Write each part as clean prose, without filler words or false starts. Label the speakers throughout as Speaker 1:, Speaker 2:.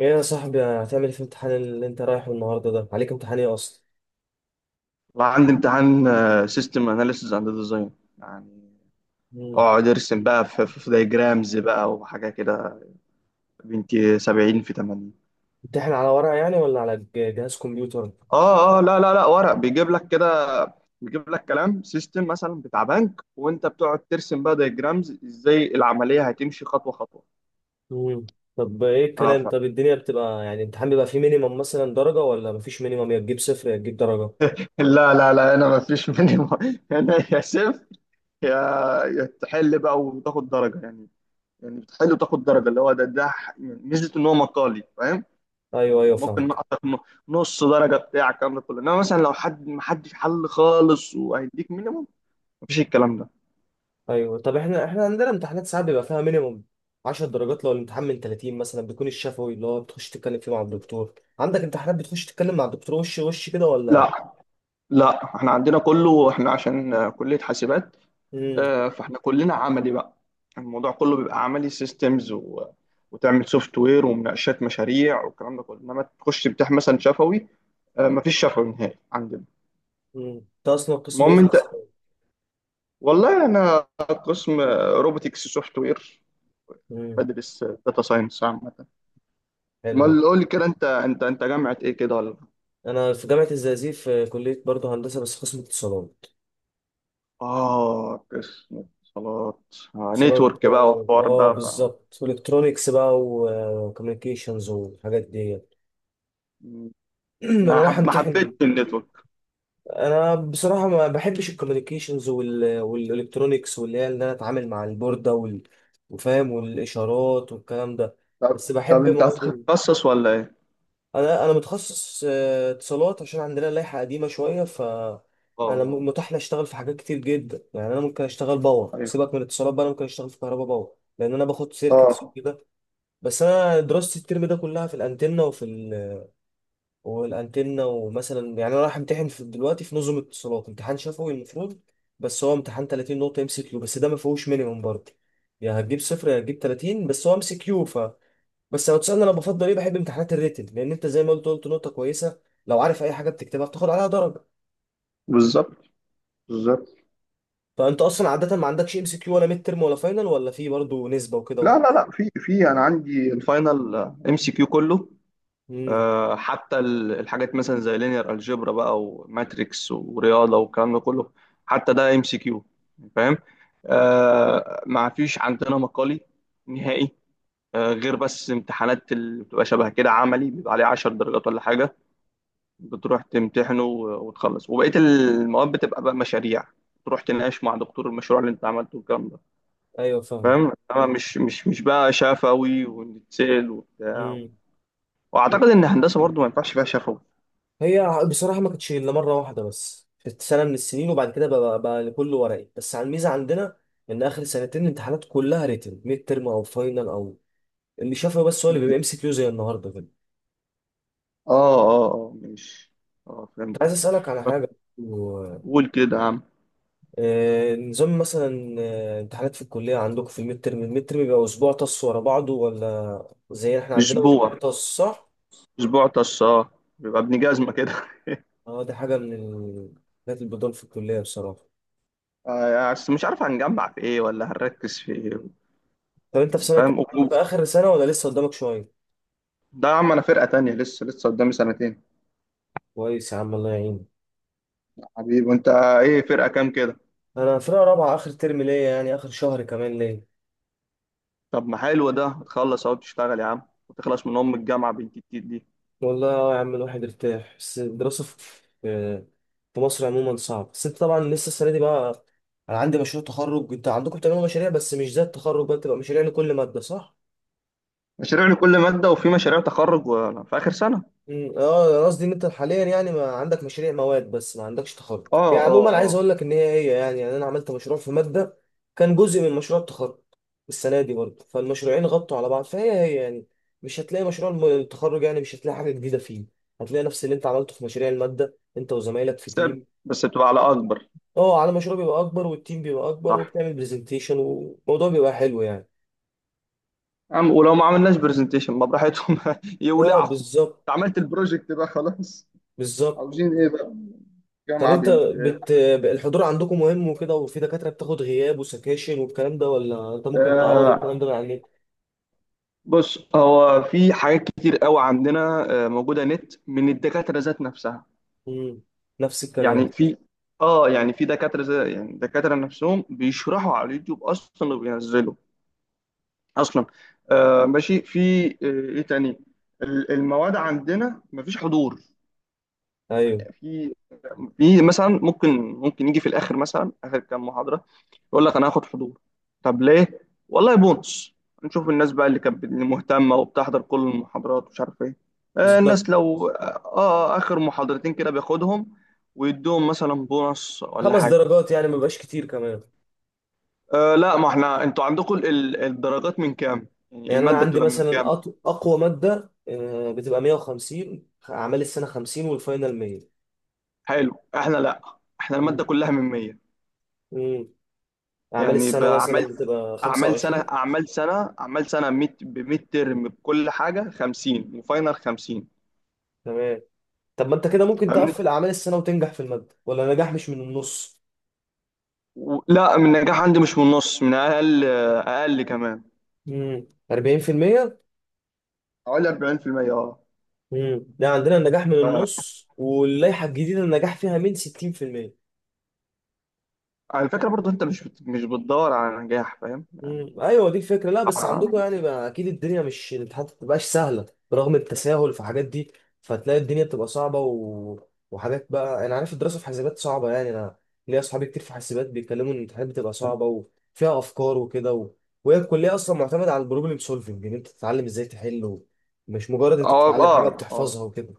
Speaker 1: ايه يا صاحبي، هتعمل ايه في الامتحان اللي انت رايحه النهارده ده؟ عليك امتحان ايه اصلا؟
Speaker 2: والله عندي امتحان سيستم اناليسز اند ديزاين. يعني
Speaker 1: امم
Speaker 2: اقعد ارسم بقى في دايجرامز بقى وحاجه كده. بنتي 70 في 80.
Speaker 1: امتحان على ورقه يعني ولا على جهاز كمبيوتر؟
Speaker 2: اه اه، لا لا لا، ورق بيجيب لك كده. بيجيب لك كلام سيستم مثلا بتاع بنك، وانت بتقعد ترسم بقى دايجرامز ازاي العمليه هتمشي خطوه خطوه.
Speaker 1: امم طب ايه
Speaker 2: اه
Speaker 1: الكلام؟ طب الدنيا بتبقى يعني الامتحان بيبقى فيه مينيمم مثلا درجه، ولا مفيش مينيمم يا تجيب صفر يا تجيب درجه؟
Speaker 2: لا لا لا، انا ما فيش مني انا يا صفر، يا يا تحل بقى وتاخد درجه يعني. يعني بتحل وتاخد درجه، اللي هو ده ميزه ان هو مقالي، فاهم.
Speaker 1: ايوه
Speaker 2: يعني
Speaker 1: ايوه
Speaker 2: ممكن
Speaker 1: فاهمك.
Speaker 2: نقصك نص درجه بتاع الكلام ده كله، انما مثلا لو حد ما حدش حل خالص وهيديك مينيموم، مفيش الكلام ده.
Speaker 1: ايوه، طب احنا عندنا امتحانات ساعات بيبقى فيها مينيمم 10 درجات لو الامتحان من 30 مثلا، بيكون الشفوي اللي هو بتخش تتكلم فيه مع الدكتور. عندك امتحانات بتخش تتكلم مع الدكتور وش وش كده ولا؟
Speaker 2: لا لا، احنا عندنا كله احنا عشان كليه حاسبات.
Speaker 1: امم
Speaker 2: فاحنا كلنا عملي بقى. الموضوع كله بيبقى عملي سيستمز وتعمل سوفت وير ومناقشات مشاريع والكلام ده كله، انما تخش تمتحن مثلا شفوي. مفيش شفوي نهائي عندنا.
Speaker 1: امم انت اصلا قسم ايه
Speaker 2: المهم
Speaker 1: في
Speaker 2: انت،
Speaker 1: حسابات؟
Speaker 2: والله انا قسم روبوتكس سوفت وير.
Speaker 1: امم
Speaker 2: بدرس داتا ساينس عامه.
Speaker 1: حلو.
Speaker 2: امال قول لي كده، انت جامعة ايه كده ولا؟
Speaker 1: انا في جامعه الزقازيق، في كليه برضه هندسه بس قسم اتصالات.
Speaker 2: اه، قسم اتصالات.
Speaker 1: اتصالات
Speaker 2: نتورك
Speaker 1: بقى
Speaker 2: بقى
Speaker 1: و-
Speaker 2: والحوار
Speaker 1: اه
Speaker 2: ده ف.
Speaker 1: بالظبط، والكترونكس بقى وكوميونيكيشنز والحاجات دي.
Speaker 2: م،
Speaker 1: انا رايح
Speaker 2: ما حبيتش
Speaker 1: امتحن.
Speaker 2: النتورك.
Speaker 1: انا بصراحه ما بحبش الكوميونيكيشنز والالكترونكس، واللي هي ان انا اتعامل مع البورده وفاهم والاشارات والكلام ده.
Speaker 2: طب
Speaker 1: بس
Speaker 2: طب
Speaker 1: بحب
Speaker 2: انت
Speaker 1: مواد.
Speaker 2: هتتخصص ولا ايه؟
Speaker 1: انا متخصص اتصالات عشان عندنا لائحه قديمه شويه، ف انا
Speaker 2: اه،
Speaker 1: متاح لي اشتغل في حاجات كتير جدا، يعني انا ممكن اشتغل باور
Speaker 2: ايوه،
Speaker 1: سيبك من الاتصالات بقى، انا ممكن اشتغل في كهرباء باور لان انا باخد سيركتس
Speaker 2: اه،
Speaker 1: وكده. بس انا دراستي الترم ده كلها في الانتنه وفي والانتنه. ومثلا يعني انا رايح امتحن في دلوقتي في نظم اتصالات، امتحان شفوي المفروض، بس هو امتحان 30 نقطه ام سي كيو، بس ده ما فيهوش مينيمم برضه. يا هتجيب صفر يا هتجيب 30، بس هو ام سي كيو. بس لو تسألني انا بفضل ايه، بحب امتحانات الريتن، لان انت زي ما قلت نقطة كويسة، لو عارف اي حاجة بتكتبها بتاخد عليها درجة.
Speaker 2: بالظبط، بالظبط.
Speaker 1: فانت اصلا عادة ما عندكش ام سي كيو، ولا ميد ترم ولا فاينل ولا في برضه نسبة وكده؟
Speaker 2: لا لا لا، في انا عندي الفاينل، ام سي كيو كله.
Speaker 1: امم
Speaker 2: حتى الحاجات مثلا زي لينير الجبرا بقى وماتريكس ورياضه والكلام ده كله، حتى ده ام سي كيو. فاهم. ما فيش عندنا مقالي نهائي. غير بس امتحانات اللي بتبقى شبه كده عملي بيبقى عليه 10 درجات ولا حاجه. بتروح تمتحنه وتخلص، وبقيه المواد بتبقى بقى مشاريع. تروح تناقش مع دكتور المشروع اللي انت عملته والكلام ده.
Speaker 1: ايوه فاهم.
Speaker 2: فاهم، انما مش بقى شفوي ونتسال وبتاع.
Speaker 1: امم
Speaker 2: واعتقد ان الهندسه برضو ما ينفعش فيها شفوي.
Speaker 1: هي بصراحة ما كانتش إلا مرة واحدة بس في سنة من السنين، وبعد كده بقى لكل ورقي، بس على الميزة عندنا إن آخر سنتين الامتحانات كلها ريتن، ميد ترم أو فاينل، أو اللي شافه بس هو اللي بيبقى ام سي كيو زي النهاردة كده.
Speaker 2: اه اه اه، ماشي. اه،
Speaker 1: كنت
Speaker 2: فهمتك.
Speaker 1: عايز أسألك على
Speaker 2: بس
Speaker 1: حاجة.
Speaker 2: قول كده يا عم.
Speaker 1: نظام مثلا امتحانات في الكلية عندكم، في الميد ترم، الميد ترم بيبقى أسبوع طص ورا بعضه، ولا زي احنا عندنا
Speaker 2: اسبوع،
Speaker 1: أسبوع طص صح؟
Speaker 2: اسبوع طش، اه. يبقى ابن جزمه كده
Speaker 1: اه، دي حاجة من الحاجات البدون في الكلية بصراحة.
Speaker 2: بس مش عارف هنجمع في ايه ولا هنركز في ايه.
Speaker 1: طب أنت في سنة كام؟
Speaker 2: فاهم
Speaker 1: في آخر سنة ولا لسه قدامك شوية؟
Speaker 2: ده يا عم، انا فرقه تانية، لسه لسه قدامي سنتين.
Speaker 1: كويس يا عم، الله يعينك.
Speaker 2: حبيبي، وانت ايه فرقه كام كده؟
Speaker 1: أنا فرقة رابعة، آخر ترم ليا، يعني آخر شهر كمان ليا.
Speaker 2: طب ما حلو، ده تخلص اهو تشتغل يا عم، وتخلص من ام الجامعه بنت التيت دي.
Speaker 1: والله اه يا عم، الواحد ارتاح، بس الدراسة في في مصر عموما صعب. بس انت طبعا لسه السنة دي بقى. انا عندي مشروع تخرج، انت عندكم بتعملوا مشاريع بس مش زي التخرج بقى، بتبقى مشاريع لكل مادة صح؟
Speaker 2: مشاريع لكل ماده، وفي مشاريع تخرج في اخر سنه.
Speaker 1: مم، اه. قصدي ان انت حاليا يعني ما عندك مشاريع مواد، بس ما عندكش تخرج.
Speaker 2: اه
Speaker 1: يعني
Speaker 2: اه
Speaker 1: عموما عايز
Speaker 2: اه.
Speaker 1: اقول لك ان هي يعني انا عملت مشروع في ماده كان جزء من مشروع التخرج السنه دي برضه، فالمشروعين غطوا على بعض، فهي هي يعني. مش هتلاقي مشروع التخرج، يعني مش هتلاقي حاجه جديده فيه. هتلاقي نفس اللي انت عملته في مشاريع الماده انت وزمايلك في
Speaker 2: بس
Speaker 1: تيم.
Speaker 2: بس بتبقى على اكبر.
Speaker 1: اه، على مشروع بيبقى اكبر، والتيم بيبقى اكبر،
Speaker 2: صح،
Speaker 1: وبتعمل برزنتيشن والموضوع بيبقى حلو يعني.
Speaker 2: يا عم. ولو ما عملناش برزنتيشن ما براحتهم
Speaker 1: اه
Speaker 2: يولعوا،
Speaker 1: بالظبط،
Speaker 2: انت عملت البروجكت بقى خلاص.
Speaker 1: بالظبط.
Speaker 2: عاوزين ايه بقى؟
Speaker 1: طب
Speaker 2: جامعة
Speaker 1: انت
Speaker 2: بنت.
Speaker 1: بت... الحضور عندكم مهم وكده؟ وفي دكاترة بتاخد غياب وسكاشن والكلام ده، ولا انت ممكن تعوض الكلام
Speaker 2: آه،
Speaker 1: ده من على النت؟
Speaker 2: بص، هو في حاجات كتير قوي عندنا موجودة نت من الدكاترة ذات نفسها.
Speaker 1: امم نفس الكلام.
Speaker 2: يعني في، دكاترة، زي يعني دكاترة نفسهم بيشرحوا على اليوتيوب اصلا، وبينزلوا اصلا. آه ماشي. في ايه تاني؟ المواد عندنا مفيش حضور.
Speaker 1: ايوه
Speaker 2: يعني في مثلا، ممكن يجي في الاخر مثلا اخر كام محاضره، يقول لك انا هاخد حضور. طب ليه؟ والله بونص، نشوف الناس بقى اللي كانت اللي مهتمه وبتحضر كل المحاضرات ومش عارف ايه.
Speaker 1: بالظبط.
Speaker 2: الناس لو اخر محاضرتين كده بياخدهم ويدوهم مثلا بونص ولا
Speaker 1: خمس
Speaker 2: حاجه.
Speaker 1: درجات يعني، ما بيبقاش كتير كمان.
Speaker 2: آه لا، ما احنا، انتوا عندكم الدرجات من كام؟ يعني
Speaker 1: يعني انا
Speaker 2: الماده
Speaker 1: عندي
Speaker 2: بتبقى من كام؟
Speaker 1: مثلا اقوى مادة بتبقى 150، اعمال السنة 50 والفاينل 100.
Speaker 2: حلو. احنا لا، احنا الماده كلها من 100.
Speaker 1: امم اعمال
Speaker 2: يعني
Speaker 1: السنة
Speaker 2: بقى
Speaker 1: مثلا
Speaker 2: عملت
Speaker 1: بتبقى 25.
Speaker 2: اعمال سنه، ميت بميد ترم بكل حاجه 50 وفاينل 50.
Speaker 1: تمام، طب ما انت كده ممكن
Speaker 2: فاهمني
Speaker 1: تقفل اعمال السنة وتنجح في المادة، ولا نجاح مش من النص؟
Speaker 2: لا، من النجاح عندي مش من النص، من اقل اقل كمان.
Speaker 1: امم 40%.
Speaker 2: حوالي 40% اه.
Speaker 1: ده عندنا النجاح من
Speaker 2: ف-
Speaker 1: النص، واللائحه الجديده النجاح فيها من 60%.
Speaker 2: على فكره برضو، انت مش مش بتدور على نجاح، فاهم يعني.
Speaker 1: ايوه دي الفكره. لا بس عندكم
Speaker 2: اه
Speaker 1: يعني بقى اكيد الدنيا مش، الامتحانات ما بتبقاش سهله برغم التساهل في حاجات دي. فتلاقي الدنيا بتبقى صعبه وحاجات بقى. انا عارف الدراسه في حاسبات صعبه، يعني انا ليا اصحابي كتير في حاسبات بيتكلموا ان الامتحانات بتبقى صعبه وفيها افكار وكده وهي الكليه اصلا معتمده على البروبلم سولفنج، ان انت تتعلم ازاي تحل مش مجرد انت
Speaker 2: اه
Speaker 1: بتتعلم
Speaker 2: اه،
Speaker 1: حاجه
Speaker 2: آه،
Speaker 1: بتحفظها وكده.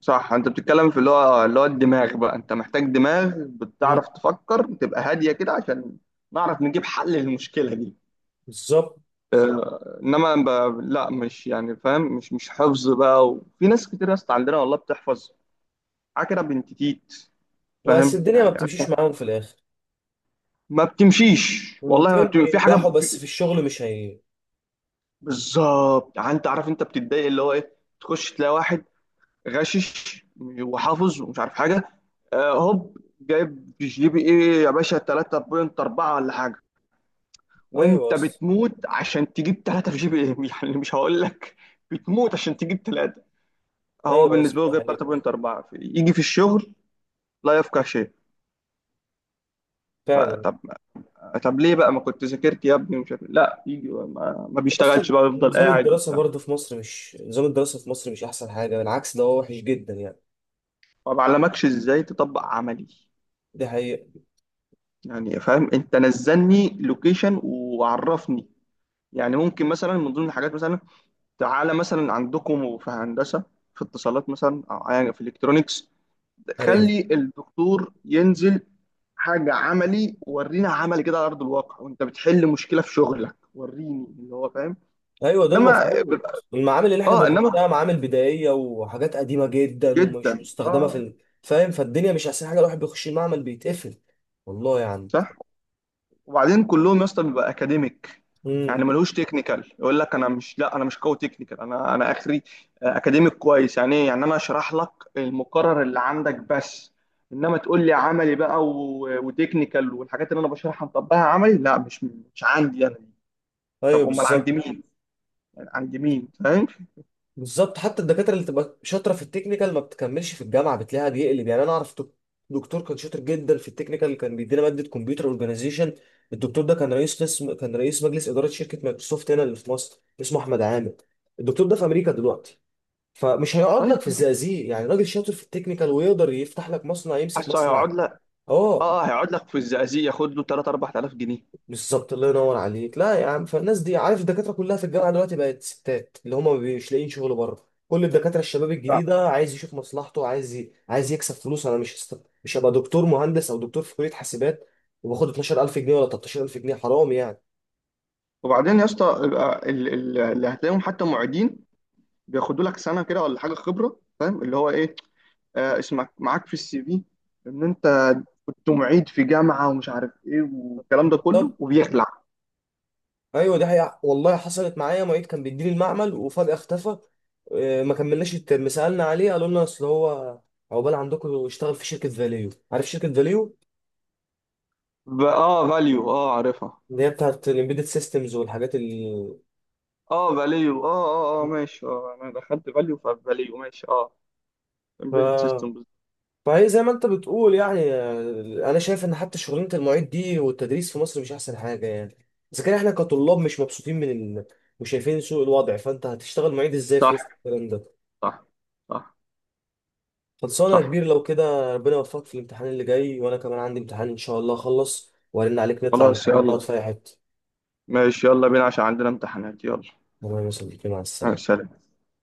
Speaker 2: صح. انت بتتكلم في اللي هو الدماغ بقى، انت محتاج دماغ
Speaker 1: مم.
Speaker 2: بتعرف تفكر، تبقى هاديه كده عشان نعرف نجيب حل للمشكله دي.
Speaker 1: بالظبط.
Speaker 2: انما لا مش، يعني فاهم، مش حفظ بقى. وفي ناس كتير يا اسطى عندنا والله بتحفظ عكرة بنت تيت.
Speaker 1: بس
Speaker 2: فاهم
Speaker 1: الدنيا ما
Speaker 2: يعني،
Speaker 1: بتمشيش معاهم في الاخر.
Speaker 2: ما بتمشيش والله ما
Speaker 1: تلاقيهم
Speaker 2: بتمشيش. في حاجه
Speaker 1: بينجحوا، بس في الشغل مش هي.
Speaker 2: بالظبط، يعني انت عارف انت بتتضايق اللي هو ايه. تخش تلاقي واحد غشش وحافظ ومش عارف حاجه، هوب جايب جي بي ايه يا باشا 3.4 ولا حاجه،
Speaker 1: ايوه
Speaker 2: وانت
Speaker 1: اصلا،
Speaker 2: بتموت عشان تجيب 3 في جي بي ايه يعني مش هقول لك. بتموت عشان تجيب ثلاثة، هو
Speaker 1: ايوه اصلا،
Speaker 2: بالنسبه له
Speaker 1: ده
Speaker 2: جايب
Speaker 1: حقيقي.
Speaker 2: 3.4، في- يجي في الشغل لا يفقه شيء.
Speaker 1: فعلا.
Speaker 2: فطب، طب ليه بقى ما كنت ذاكرت يا ابني ومش عارف إيه؟ لا يجي ما بيشتغلش
Speaker 1: اصلا
Speaker 2: بقى، يفضل
Speaker 1: نظام
Speaker 2: قاعد
Speaker 1: الدراسه
Speaker 2: وبتاع.
Speaker 1: برضه في مصر مش، نظام الدراسه في مصر مش احسن حاجه، بالعكس ده هو وحش جدا يعني.
Speaker 2: ما بعلمكش ازاي تطبق عملي
Speaker 1: دي حقيقه.
Speaker 2: يعني، فاهم. انت نزلني لوكيشن وعرفني. يعني ممكن مثلا من ضمن الحاجات مثلا، تعالى مثلا عندكم في هندسه، في اتصالات مثلا او في الكترونكس،
Speaker 1: ايوه،
Speaker 2: خلي الدكتور ينزل حاجة عملي، ورينا عملي كده على أرض الواقع، وأنت بتحل مشكلة في شغلك وريني اللي هو فاهم.
Speaker 1: ايوه ده
Speaker 2: إنما
Speaker 1: المفروض.
Speaker 2: بيبقى-
Speaker 1: المعامل اللي احنا
Speaker 2: إنما،
Speaker 1: بنخشها معامل بدائيه وحاجات قديمه جدا ومش
Speaker 2: جدا،
Speaker 1: مستخدمه في
Speaker 2: آه
Speaker 1: فاهم. فالدنيا مش احسن حاجه، الواحد بيخش المعمل بيتقفل والله يعني.
Speaker 2: صح. وبعدين كلهم يا اسطى بيبقى أكاديميك،
Speaker 1: امم
Speaker 2: يعني ملوش تكنيكال. يقول لك أنا مش لا، أنا مش قوي تكنيكال، أنا آخري أكاديميك. كويس، يعني إيه يعني، أنا أشرح لك المقرر اللي عندك بس، إنما تقول لي عملي بقى وتكنيكال، والحاجات اللي أنا بشرحها نطبقها عملي، لا، مش عندي أنا.
Speaker 1: ايوه
Speaker 2: طب امال عند
Speaker 1: بالظبط.
Speaker 2: مين؟ عند مين، فاهم.
Speaker 1: بالظبط، حتى الدكاتره اللي تبقى شاطره في التكنيكال ما بتكملش في الجامعه، بتلاقيها بيقلب. يعني انا اعرف دكتور كان شاطر جدا في التكنيكال، كان بيدينا ماده كمبيوتر اورجانيزيشن. الدكتور ده كان رئيس قسم، كان رئيس مجلس اداره شركه مايكروسوفت هنا اللي في مصر، اسمه احمد عامر. الدكتور ده في امريكا دلوقتي، فمش هيقعد
Speaker 2: طيب.
Speaker 1: لك في الزقازيق. يعني راجل شاطر في التكنيكال ويقدر يفتح لك مصنع، يمسك
Speaker 2: حاسه هيقعد
Speaker 1: مصنع؟
Speaker 2: لك،
Speaker 1: اه
Speaker 2: اه هيقعد لك في الزقازيق ياخد له 3 4000 جنيه.
Speaker 1: بالظبط، الله ينور عليك. لا يا عم، فالناس دي عارف، الدكاتره كلها في الجامعه دلوقتي بقت ستات اللي هم مش لاقيين شغل بره. كل الدكاتره الشباب
Speaker 2: صح.
Speaker 1: الجديده عايز يشوف مصلحته، عايز عايز يكسب فلوس. انا مش هبقى دكتور مهندس او دكتور في كليه حاسبات وباخد 12000 جنيه ولا 13000 جنيه، حرام يعني.
Speaker 2: وبعدين يا اسطى، يبقى اللي هتلاقيهم حتى معيدين بياخدوا لك سنه كده ولا حاجه خبره. فاهم اللي هو ايه، آه اسمك معاك في السي في ان انت كنت معيد في جامعه ومش عارف ايه والكلام ده كله،
Speaker 1: طب
Speaker 2: وبيخلع.
Speaker 1: ايوه دي حقيقة، والله حصلت معايا معيد كان بيديني المعمل وفجاه اختفى. ما كملناش الترم، سالنا عليه قالوا لنا اصل هو، عقبال عندكم، اشتغل في شركه فاليو. عارف شركه فاليو
Speaker 2: اه، فاليو، اه عارفها.
Speaker 1: اللي هي بتاعت الامبيدد سيستمز والحاجات اللي
Speaker 2: اه، فاليو، اه اه اه، ماشي. اه، انا دخلت فاليو، ففاليو ماشي، اه،
Speaker 1: ف...
Speaker 2: امبيدد سيستم.
Speaker 1: فهي زي ما انت بتقول يعني. انا شايف ان حتى شغلانه المعيد دي والتدريس في مصر مش احسن حاجه يعني. اذا كان احنا كطلاب مش مبسوطين من وشايفين سوء الوضع، فانت هتشتغل معيد ازاي في وسط
Speaker 2: صح،
Speaker 1: الكلام ده؟
Speaker 2: صح، صح،
Speaker 1: خلصانه يا
Speaker 2: صح.
Speaker 1: كبير لو كده، ربنا يوفقك في الامتحان اللي جاي، وانا كمان عندي امتحان ان شاء الله اخلص وارن عليك، نطلع
Speaker 2: خلاص،
Speaker 1: نتقابل نقعد
Speaker 2: يلا.
Speaker 1: في اي حته.
Speaker 2: ماشي، يلا بينا عشان عندنا امتحانات، يلا.
Speaker 1: تمام يا صديقي، مع
Speaker 2: آه،
Speaker 1: السلامه.
Speaker 2: سلام.